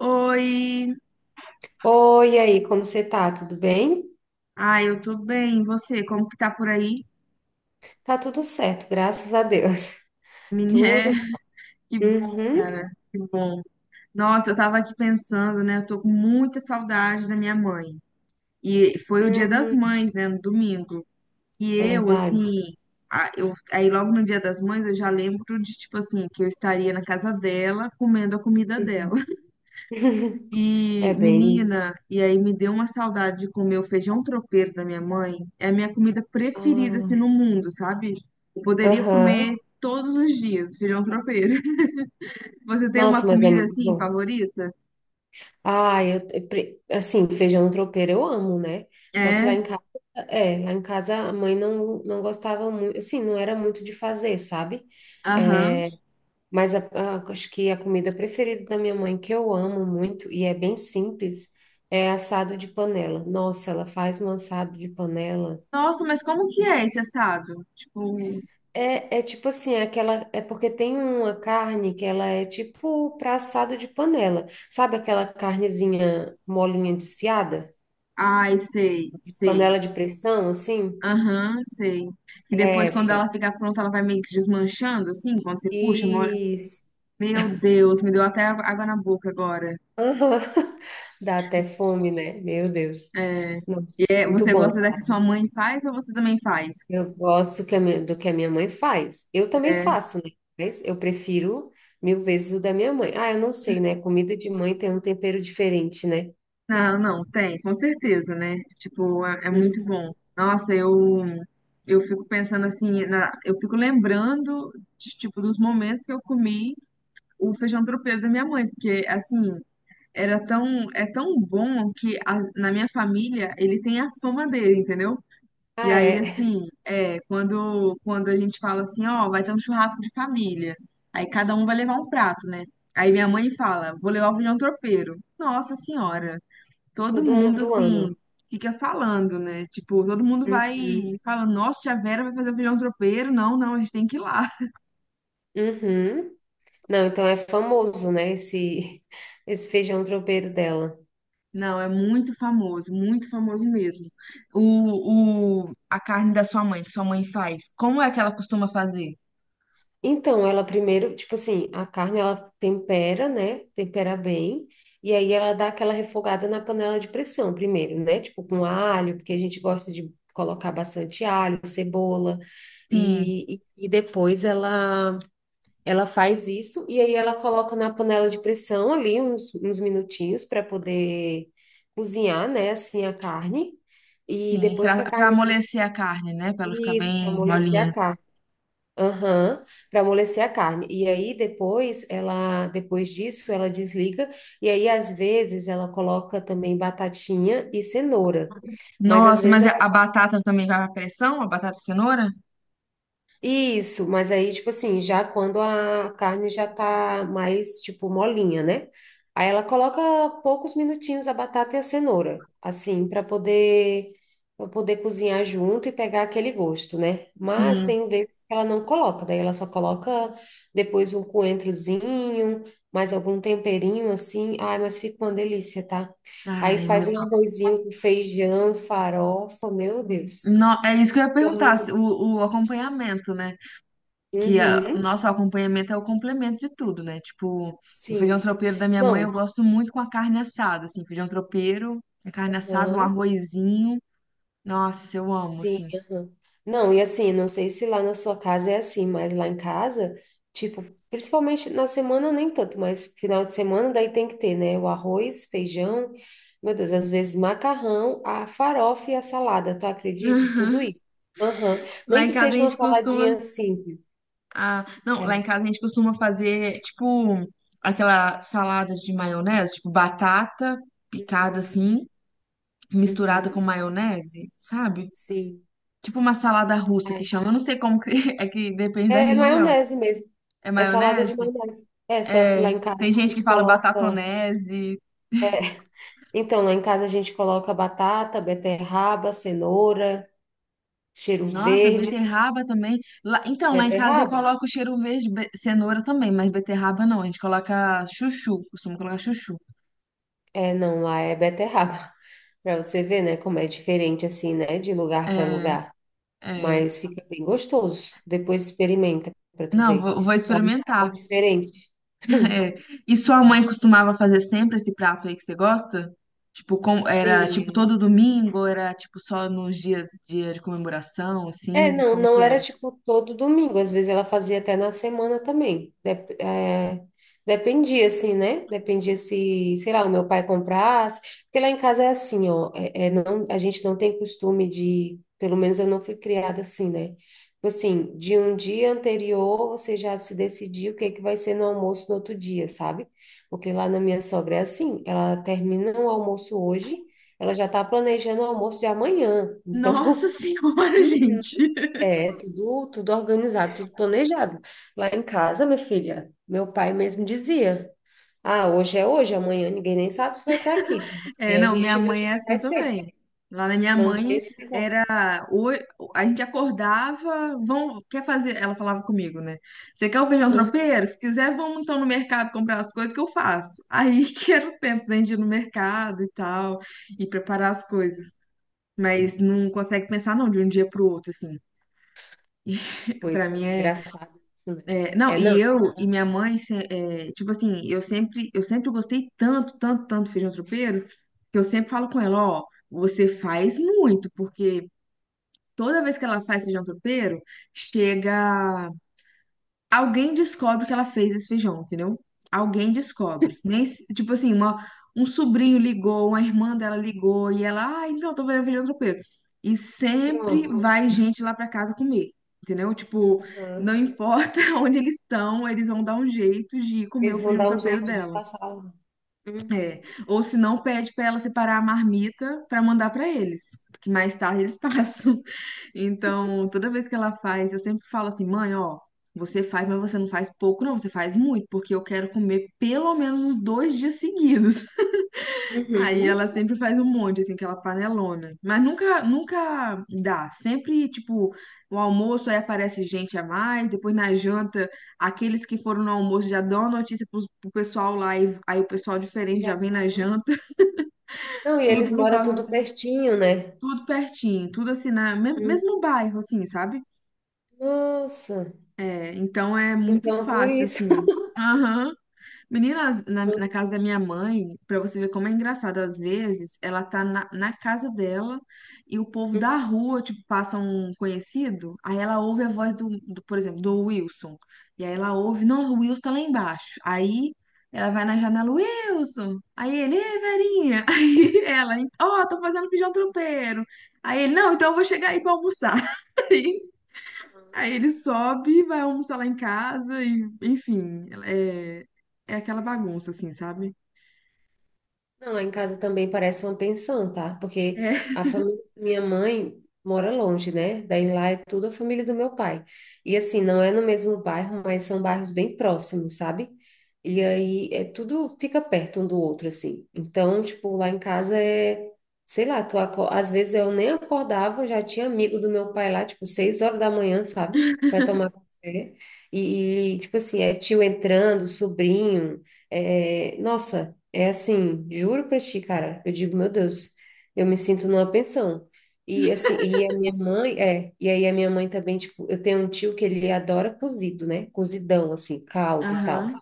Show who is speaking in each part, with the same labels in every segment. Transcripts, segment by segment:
Speaker 1: Oi,
Speaker 2: Oi, e aí, como você tá? Tudo bem?
Speaker 1: ai, eu tô bem. E você, como que tá por aí?
Speaker 2: Tá tudo certo, graças a Deus.
Speaker 1: Miné,
Speaker 2: Tudo.
Speaker 1: que bom,
Speaker 2: Uhum,
Speaker 1: cara, que bom. Nossa, eu tava aqui pensando, né? Eu tô com muita saudade da minha mãe. E foi o Dia das
Speaker 2: uhum,
Speaker 1: Mães, né, no domingo. E eu,
Speaker 2: verdade.
Speaker 1: assim, eu, aí logo no Dia das Mães eu já lembro de, tipo assim, que eu estaria na casa dela comendo a comida dela.
Speaker 2: Uhum. É
Speaker 1: E,
Speaker 2: bem isso.
Speaker 1: menina, e aí me deu uma saudade de comer o feijão tropeiro da minha mãe. É a minha comida preferida, assim,
Speaker 2: Ah,
Speaker 1: no mundo, sabe? Eu poderia comer
Speaker 2: Aham.
Speaker 1: todos os dias feijão tropeiro. Você tem uma
Speaker 2: Nossa, mas é
Speaker 1: comida,
Speaker 2: muito
Speaker 1: assim,
Speaker 2: bom.
Speaker 1: favorita?
Speaker 2: Ah, assim, feijão tropeiro eu amo, né? Só que
Speaker 1: É,
Speaker 2: lá em casa, a mãe não, não gostava muito, assim, não era muito de fazer, sabe?
Speaker 1: aham.
Speaker 2: É, Mas acho que a comida preferida da minha mãe, que eu amo muito e é bem simples, é assado de panela. Nossa, ela faz um assado de panela.
Speaker 1: Nossa, mas como que é esse assado? Tipo,
Speaker 2: É tipo assim, é porque tem uma carne que ela é tipo para assado de panela. Sabe aquela carnezinha molinha desfiada?
Speaker 1: ai, sei,
Speaker 2: De
Speaker 1: sei.
Speaker 2: panela de pressão, assim?
Speaker 1: Aham, sei. E
Speaker 2: É
Speaker 1: depois, quando
Speaker 2: essa.
Speaker 1: ela ficar pronta, ela vai meio que desmanchando, assim, quando você puxa, mole.
Speaker 2: Isso.
Speaker 1: Meu Deus, me deu até água na boca agora.
Speaker 2: Aham. Dá até fome, né? Meu Deus.
Speaker 1: É.
Speaker 2: Nossa,
Speaker 1: É,
Speaker 2: muito
Speaker 1: você
Speaker 2: bom,
Speaker 1: gosta da que sua
Speaker 2: sabe?
Speaker 1: mãe faz ou você também faz?
Speaker 2: Eu gosto que do que a minha mãe faz. Eu também faço, né? Mas eu prefiro mil vezes o da minha mãe. Ah, eu não sei, né? Comida de mãe tem um tempero diferente, né?
Speaker 1: Não, não, tem, com certeza, né? Tipo, é, é muito
Speaker 2: Uhum.
Speaker 1: bom. Nossa, eu fico pensando assim, eu fico lembrando de, tipo dos momentos que eu comi o feijão tropeiro da minha mãe, porque assim, era tão é tão bom na minha família ele tem a fama dele, entendeu? E
Speaker 2: Ah,
Speaker 1: aí,
Speaker 2: é.
Speaker 1: assim, é, quando a gente fala assim, ó, vai ter um churrasco de família. Aí cada um vai levar um prato, né? Aí minha mãe fala, vou levar o feijão tropeiro. Nossa senhora, todo
Speaker 2: Todo
Speaker 1: mundo,
Speaker 2: mundo
Speaker 1: assim,
Speaker 2: ama.
Speaker 1: fica falando, né? Tipo, todo mundo vai
Speaker 2: Uhum.
Speaker 1: falando, nossa, tia Vera vai fazer o feijão tropeiro. Não, não, a gente tem que ir lá.
Speaker 2: Uhum. Não, então é famoso, né? Esse, esse feijão tropeiro dela.
Speaker 1: Não, é muito famoso mesmo. O, a carne da sua mãe, que sua mãe faz, como é que ela costuma fazer?
Speaker 2: Então, ela primeiro, tipo assim, a carne ela tempera, né? Tempera bem. E aí ela dá aquela refogada na panela de pressão primeiro, né? Tipo com alho, porque a gente gosta de colocar bastante alho, cebola.
Speaker 1: Sim,
Speaker 2: E depois ela faz isso e aí ela coloca na panela de pressão ali uns minutinhos para poder cozinhar, né? Assim a carne. E
Speaker 1: sim,
Speaker 2: depois que a
Speaker 1: pra
Speaker 2: carne cozinha,
Speaker 1: amolecer a carne, né? Pra ela ficar
Speaker 2: isso, para
Speaker 1: bem
Speaker 2: amolecer a
Speaker 1: molinha.
Speaker 2: carne. Aham, para amolecer a carne. E aí depois disso, ela desliga e aí às vezes ela coloca também batatinha e cenoura, mas às
Speaker 1: Nossa,
Speaker 2: vezes
Speaker 1: mas a batata também vai pra pressão? A batata e cenoura?
Speaker 2: Isso, mas aí, tipo assim, já quando a carne já tá mais, tipo, molinha, né? Aí ela coloca poucos minutinhos a batata e a cenoura, assim, para poder cozinhar junto e pegar aquele gosto, né? Mas
Speaker 1: Sim.
Speaker 2: tem vezes que ela não coloca, daí ela só coloca depois um coentrozinho, mais algum temperinho assim. Ai, mas fica uma delícia, tá? Aí
Speaker 1: Ai, meu
Speaker 2: faz um
Speaker 1: Deus.
Speaker 2: arrozinho com feijão, farofa, meu Deus.
Speaker 1: É isso que eu ia perguntar, o acompanhamento, né? Que a,
Speaker 2: Uhum,
Speaker 1: nosso acompanhamento é o complemento de tudo, né? Tipo, o feijão
Speaker 2: sim.
Speaker 1: tropeiro da minha mãe eu
Speaker 2: Não,
Speaker 1: gosto muito com a carne assada, assim, feijão tropeiro, a carne assada, um
Speaker 2: aham,
Speaker 1: arrozinho. Nossa, eu amo,
Speaker 2: sim,
Speaker 1: assim.
Speaker 2: aham. Não, e assim, não sei se lá na sua casa é assim, mas lá em casa, tipo, principalmente na semana nem tanto, mas final de semana daí tem que ter, né? O arroz, feijão, meu Deus, às vezes macarrão, a farofa e a salada, tu acredita? Tudo isso. Aham.
Speaker 1: Lá
Speaker 2: Nem
Speaker 1: em
Speaker 2: que
Speaker 1: casa a
Speaker 2: seja uma
Speaker 1: gente costuma
Speaker 2: saladinha simples.
Speaker 1: ah, não, lá em
Speaker 2: É.
Speaker 1: casa a gente costuma fazer, tipo, aquela salada de maionese, tipo, batata picada assim, misturada
Speaker 2: Uhum,
Speaker 1: com maionese, sabe?
Speaker 2: sim.
Speaker 1: Tipo uma salada russa que
Speaker 2: É.
Speaker 1: chama, eu não sei como que é que depende da
Speaker 2: É
Speaker 1: região.
Speaker 2: maionese mesmo.
Speaker 1: É
Speaker 2: É salada de
Speaker 1: maionese?
Speaker 2: maionese. É, só que lá
Speaker 1: É,
Speaker 2: em casa
Speaker 1: tem
Speaker 2: a
Speaker 1: gente que
Speaker 2: gente
Speaker 1: fala
Speaker 2: coloca.
Speaker 1: batatonese.
Speaker 2: Então, lá em casa a gente coloca batata, beterraba, cenoura, cheiro
Speaker 1: Nossa,
Speaker 2: verde.
Speaker 1: beterraba também. Lá- então, lá em casa eu
Speaker 2: Beterraba?
Speaker 1: coloco cheiro verde, be- cenoura também, mas beterraba não, a gente coloca chuchu, costuma colocar chuchu.
Speaker 2: É, não, lá é beterraba. Para você ver, né, como é diferente assim, né, de lugar para
Speaker 1: É,
Speaker 2: lugar.
Speaker 1: é.
Speaker 2: Mas fica bem gostoso. Depois experimenta para tu
Speaker 1: Não,
Speaker 2: ver.
Speaker 1: vou, vou
Speaker 2: Dá um
Speaker 1: experimentar.
Speaker 2: sabor diferente.
Speaker 1: É. E sua
Speaker 2: É.
Speaker 1: mãe costumava fazer sempre esse prato aí que você gosta? Tipo, com, era tipo
Speaker 2: Sim,
Speaker 1: todo domingo, ou era tipo só nos dias dia de comemoração,
Speaker 2: é,
Speaker 1: assim,
Speaker 2: não,
Speaker 1: como que
Speaker 2: não era
Speaker 1: era?
Speaker 2: tipo todo domingo, às vezes ela fazia até na semana também. Dependia, assim, né? Dependia se, sei lá, o meu pai comprasse. Porque lá em casa é assim, ó, não, a gente não tem costume de, pelo menos eu não fui criada assim, né? Tipo assim, de um dia anterior você já se decidiu o que é que vai ser no almoço no outro dia, sabe? Porque lá na minha sogra é assim, ela termina o almoço hoje, ela já tá planejando o almoço de amanhã,
Speaker 1: Nossa
Speaker 2: então.
Speaker 1: Senhora,
Speaker 2: Uhum.
Speaker 1: gente.
Speaker 2: É, tudo, tudo organizado, tudo planejado. Lá em casa, minha filha, meu pai mesmo dizia: Ah, hoje é hoje, amanhã ninguém nem sabe se vai estar aqui.
Speaker 1: É,
Speaker 2: Amanhã a
Speaker 1: não, minha
Speaker 2: gente vê o
Speaker 1: mãe
Speaker 2: que
Speaker 1: é assim
Speaker 2: vai ser.
Speaker 1: também. Lá na minha
Speaker 2: Não tinha
Speaker 1: mãe
Speaker 2: esse negócio.
Speaker 1: era a gente acordava, vão, quer fazer, ela falava comigo, né? Você quer o feijão
Speaker 2: Uhum.
Speaker 1: tropeiro? Se quiser, vamos então no mercado comprar as coisas que eu faço. Aí que era o tempo da gente ir no mercado e tal, e preparar as coisas. Mas não consegue pensar não de um dia pro outro assim. Pra
Speaker 2: Coisa
Speaker 1: mim é,
Speaker 2: engraçado isso, né?
Speaker 1: não,
Speaker 2: É,
Speaker 1: e
Speaker 2: não.
Speaker 1: eu e
Speaker 2: Tá.
Speaker 1: minha mãe é, tipo assim, eu sempre gostei tanto, tanto, tanto do feijão tropeiro, que eu sempre falo com ela, ó, você faz muito, porque toda vez que ela faz feijão tropeiro, chega alguém descobre que ela fez esse feijão, entendeu? Alguém descobre. Nem, tipo assim, uma, um sobrinho ligou, uma irmã dela ligou e ela, ah, então, tô fazendo feijão tropeiro. E sempre
Speaker 2: Pronto.
Speaker 1: vai gente lá pra casa comer, entendeu? Tipo, não
Speaker 2: Uhum.
Speaker 1: importa onde eles estão, eles vão dar um jeito de comer o
Speaker 2: Eles vão
Speaker 1: feijão
Speaker 2: dar um
Speaker 1: tropeiro
Speaker 2: jeito de
Speaker 1: dela.
Speaker 2: passar lá. Uhum.
Speaker 1: É, ou se não, pede para ela separar a marmita para mandar para eles, porque mais tarde eles passam. Então, toda vez que ela faz, eu sempre falo assim: mãe, ó, você faz, mas você não faz pouco, não, você faz muito, porque eu quero comer pelo menos uns dois dias seguidos. Aí ela
Speaker 2: Uhum.
Speaker 1: sempre faz um monte, assim, aquela panelona. Mas nunca, nunca dá. Sempre, tipo, o almoço aí aparece gente a mais, depois na janta, aqueles que foram no almoço já dão a notícia pro pessoal lá, e aí o pessoal
Speaker 2: E
Speaker 1: diferente
Speaker 2: já
Speaker 1: já vem na
Speaker 2: vão.
Speaker 1: janta,
Speaker 2: Não, e
Speaker 1: tudo
Speaker 2: eles
Speaker 1: por
Speaker 2: moram
Speaker 1: causa,
Speaker 2: tudo pertinho, né?
Speaker 1: tudo pertinho, tudo assim, na,
Speaker 2: Hum.
Speaker 1: mesmo bairro, assim, sabe?
Speaker 2: Nossa.
Speaker 1: É, então é muito
Speaker 2: Então, por
Speaker 1: fácil,
Speaker 2: isso.
Speaker 1: assim. Aham. Menina, na, na casa da minha mãe, pra você ver como é engraçado, às vezes ela tá na, na casa dela e o povo da rua, tipo, passa um conhecido, aí ela ouve a voz do, do, por exemplo, do Wilson. E aí ela ouve, não, o Wilson tá lá embaixo. Aí ela vai na janela, Wilson! Aí ele, ei, Verinha! Aí ela, ó, tô fazendo feijão tropeiro. Aí ele, não, então eu vou chegar aí pra almoçar. Aí ele sobe, vai almoçar lá em casa e, enfim, é, é aquela bagunça, assim, sabe?
Speaker 2: Não, lá em casa também parece uma pensão, tá? Porque
Speaker 1: É.
Speaker 2: a família da minha mãe mora longe, né? Daí lá é tudo a família do meu pai. E assim, não é no mesmo bairro, mas são bairros bem próximos, sabe? E aí é tudo fica perto um do outro, assim. Então, tipo, lá em casa é, sei lá, às vezes eu nem acordava, já tinha amigo do meu pai lá, tipo, 6 horas da manhã, sabe? Pra tomar café. Tipo assim, é tio entrando, sobrinho. É, nossa. É assim, juro pra ti, cara. Eu digo, meu Deus, eu me sinto numa pensão. E assim, e aí a minha mãe também, tipo, eu tenho um tio que ele adora cozido, né? Cozidão, assim, caldo e tal.
Speaker 1: Aham.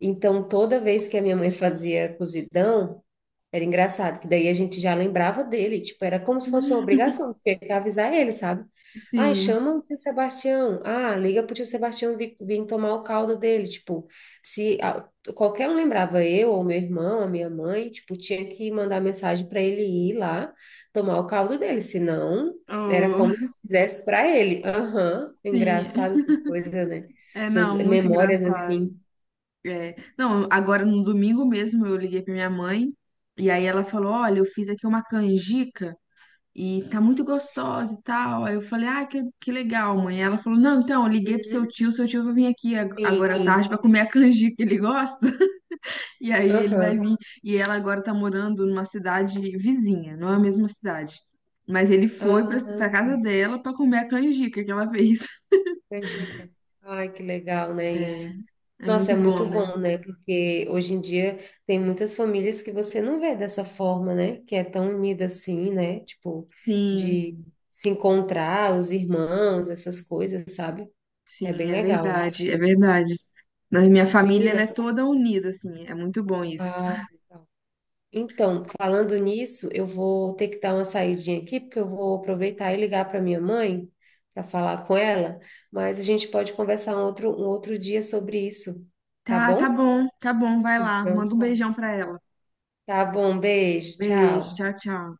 Speaker 2: Então, toda vez que a minha mãe fazia cozidão, era engraçado, que daí a gente já lembrava dele, tipo, era como se fosse uma obrigação, tinha que avisar ele, sabe? Ai,
Speaker 1: Sim,
Speaker 2: chama o tio Sebastião. Ah, liga pro tio Sebastião vir, tomar o caldo dele. Tipo, se a- qualquer um lembrava eu, ou meu irmão, a minha mãe, tipo, tinha que mandar mensagem para ele ir lá tomar o caldo dele, senão era como
Speaker 1: oh,
Speaker 2: se fizesse para ele. Aham,
Speaker 1: sim,
Speaker 2: engraçado essas coisas, né?
Speaker 1: é
Speaker 2: Essas
Speaker 1: não, muito
Speaker 2: memórias
Speaker 1: engraçado.
Speaker 2: assim.
Speaker 1: É, não, agora no domingo mesmo eu liguei pra minha mãe e aí ela falou: Olha, eu fiz aqui uma canjica e tá muito gostosa e tal. Aí eu falei: Ah, que legal, mãe. Ela falou: Não, então, eu liguei pro
Speaker 2: Uhum.
Speaker 1: seu tio vai vir aqui agora à
Speaker 2: Sim,
Speaker 1: tarde pra comer a canjica, ele gosta. E aí ele vai
Speaker 2: aham.
Speaker 1: vir. E ela agora tá morando numa cidade vizinha, não é a mesma cidade. Mas ele foi pra,
Speaker 2: Ah,
Speaker 1: pra casa dela pra comer a canjica que ela fez.
Speaker 2: canjica. Ai, que legal, né,
Speaker 1: É,
Speaker 2: isso.
Speaker 1: é
Speaker 2: Nossa,
Speaker 1: muito
Speaker 2: é
Speaker 1: bom,
Speaker 2: muito
Speaker 1: né?
Speaker 2: bom, né? Porque hoje em dia tem muitas famílias que você não vê dessa forma, né? Que é tão unida assim, né? Tipo,
Speaker 1: Sim,
Speaker 2: de se encontrar, os irmãos, essas coisas, sabe? É bem
Speaker 1: sim, é
Speaker 2: legal isso.
Speaker 1: verdade, é verdade. Na minha família, ela
Speaker 2: Menina,
Speaker 1: é toda unida, assim. É muito bom isso.
Speaker 2: ah, legal. Então, falando nisso, eu vou ter que dar uma saidinha aqui, porque eu vou aproveitar e ligar para minha mãe para falar com ela, mas a gente pode conversar um outro, dia sobre isso, tá
Speaker 1: Tá,
Speaker 2: bom?
Speaker 1: tá bom, vai lá.
Speaker 2: Então,
Speaker 1: Manda um
Speaker 2: tá.
Speaker 1: beijão pra ela.
Speaker 2: Tá bom, beijo,
Speaker 1: Beijo,
Speaker 2: tchau.
Speaker 1: tchau, tchau.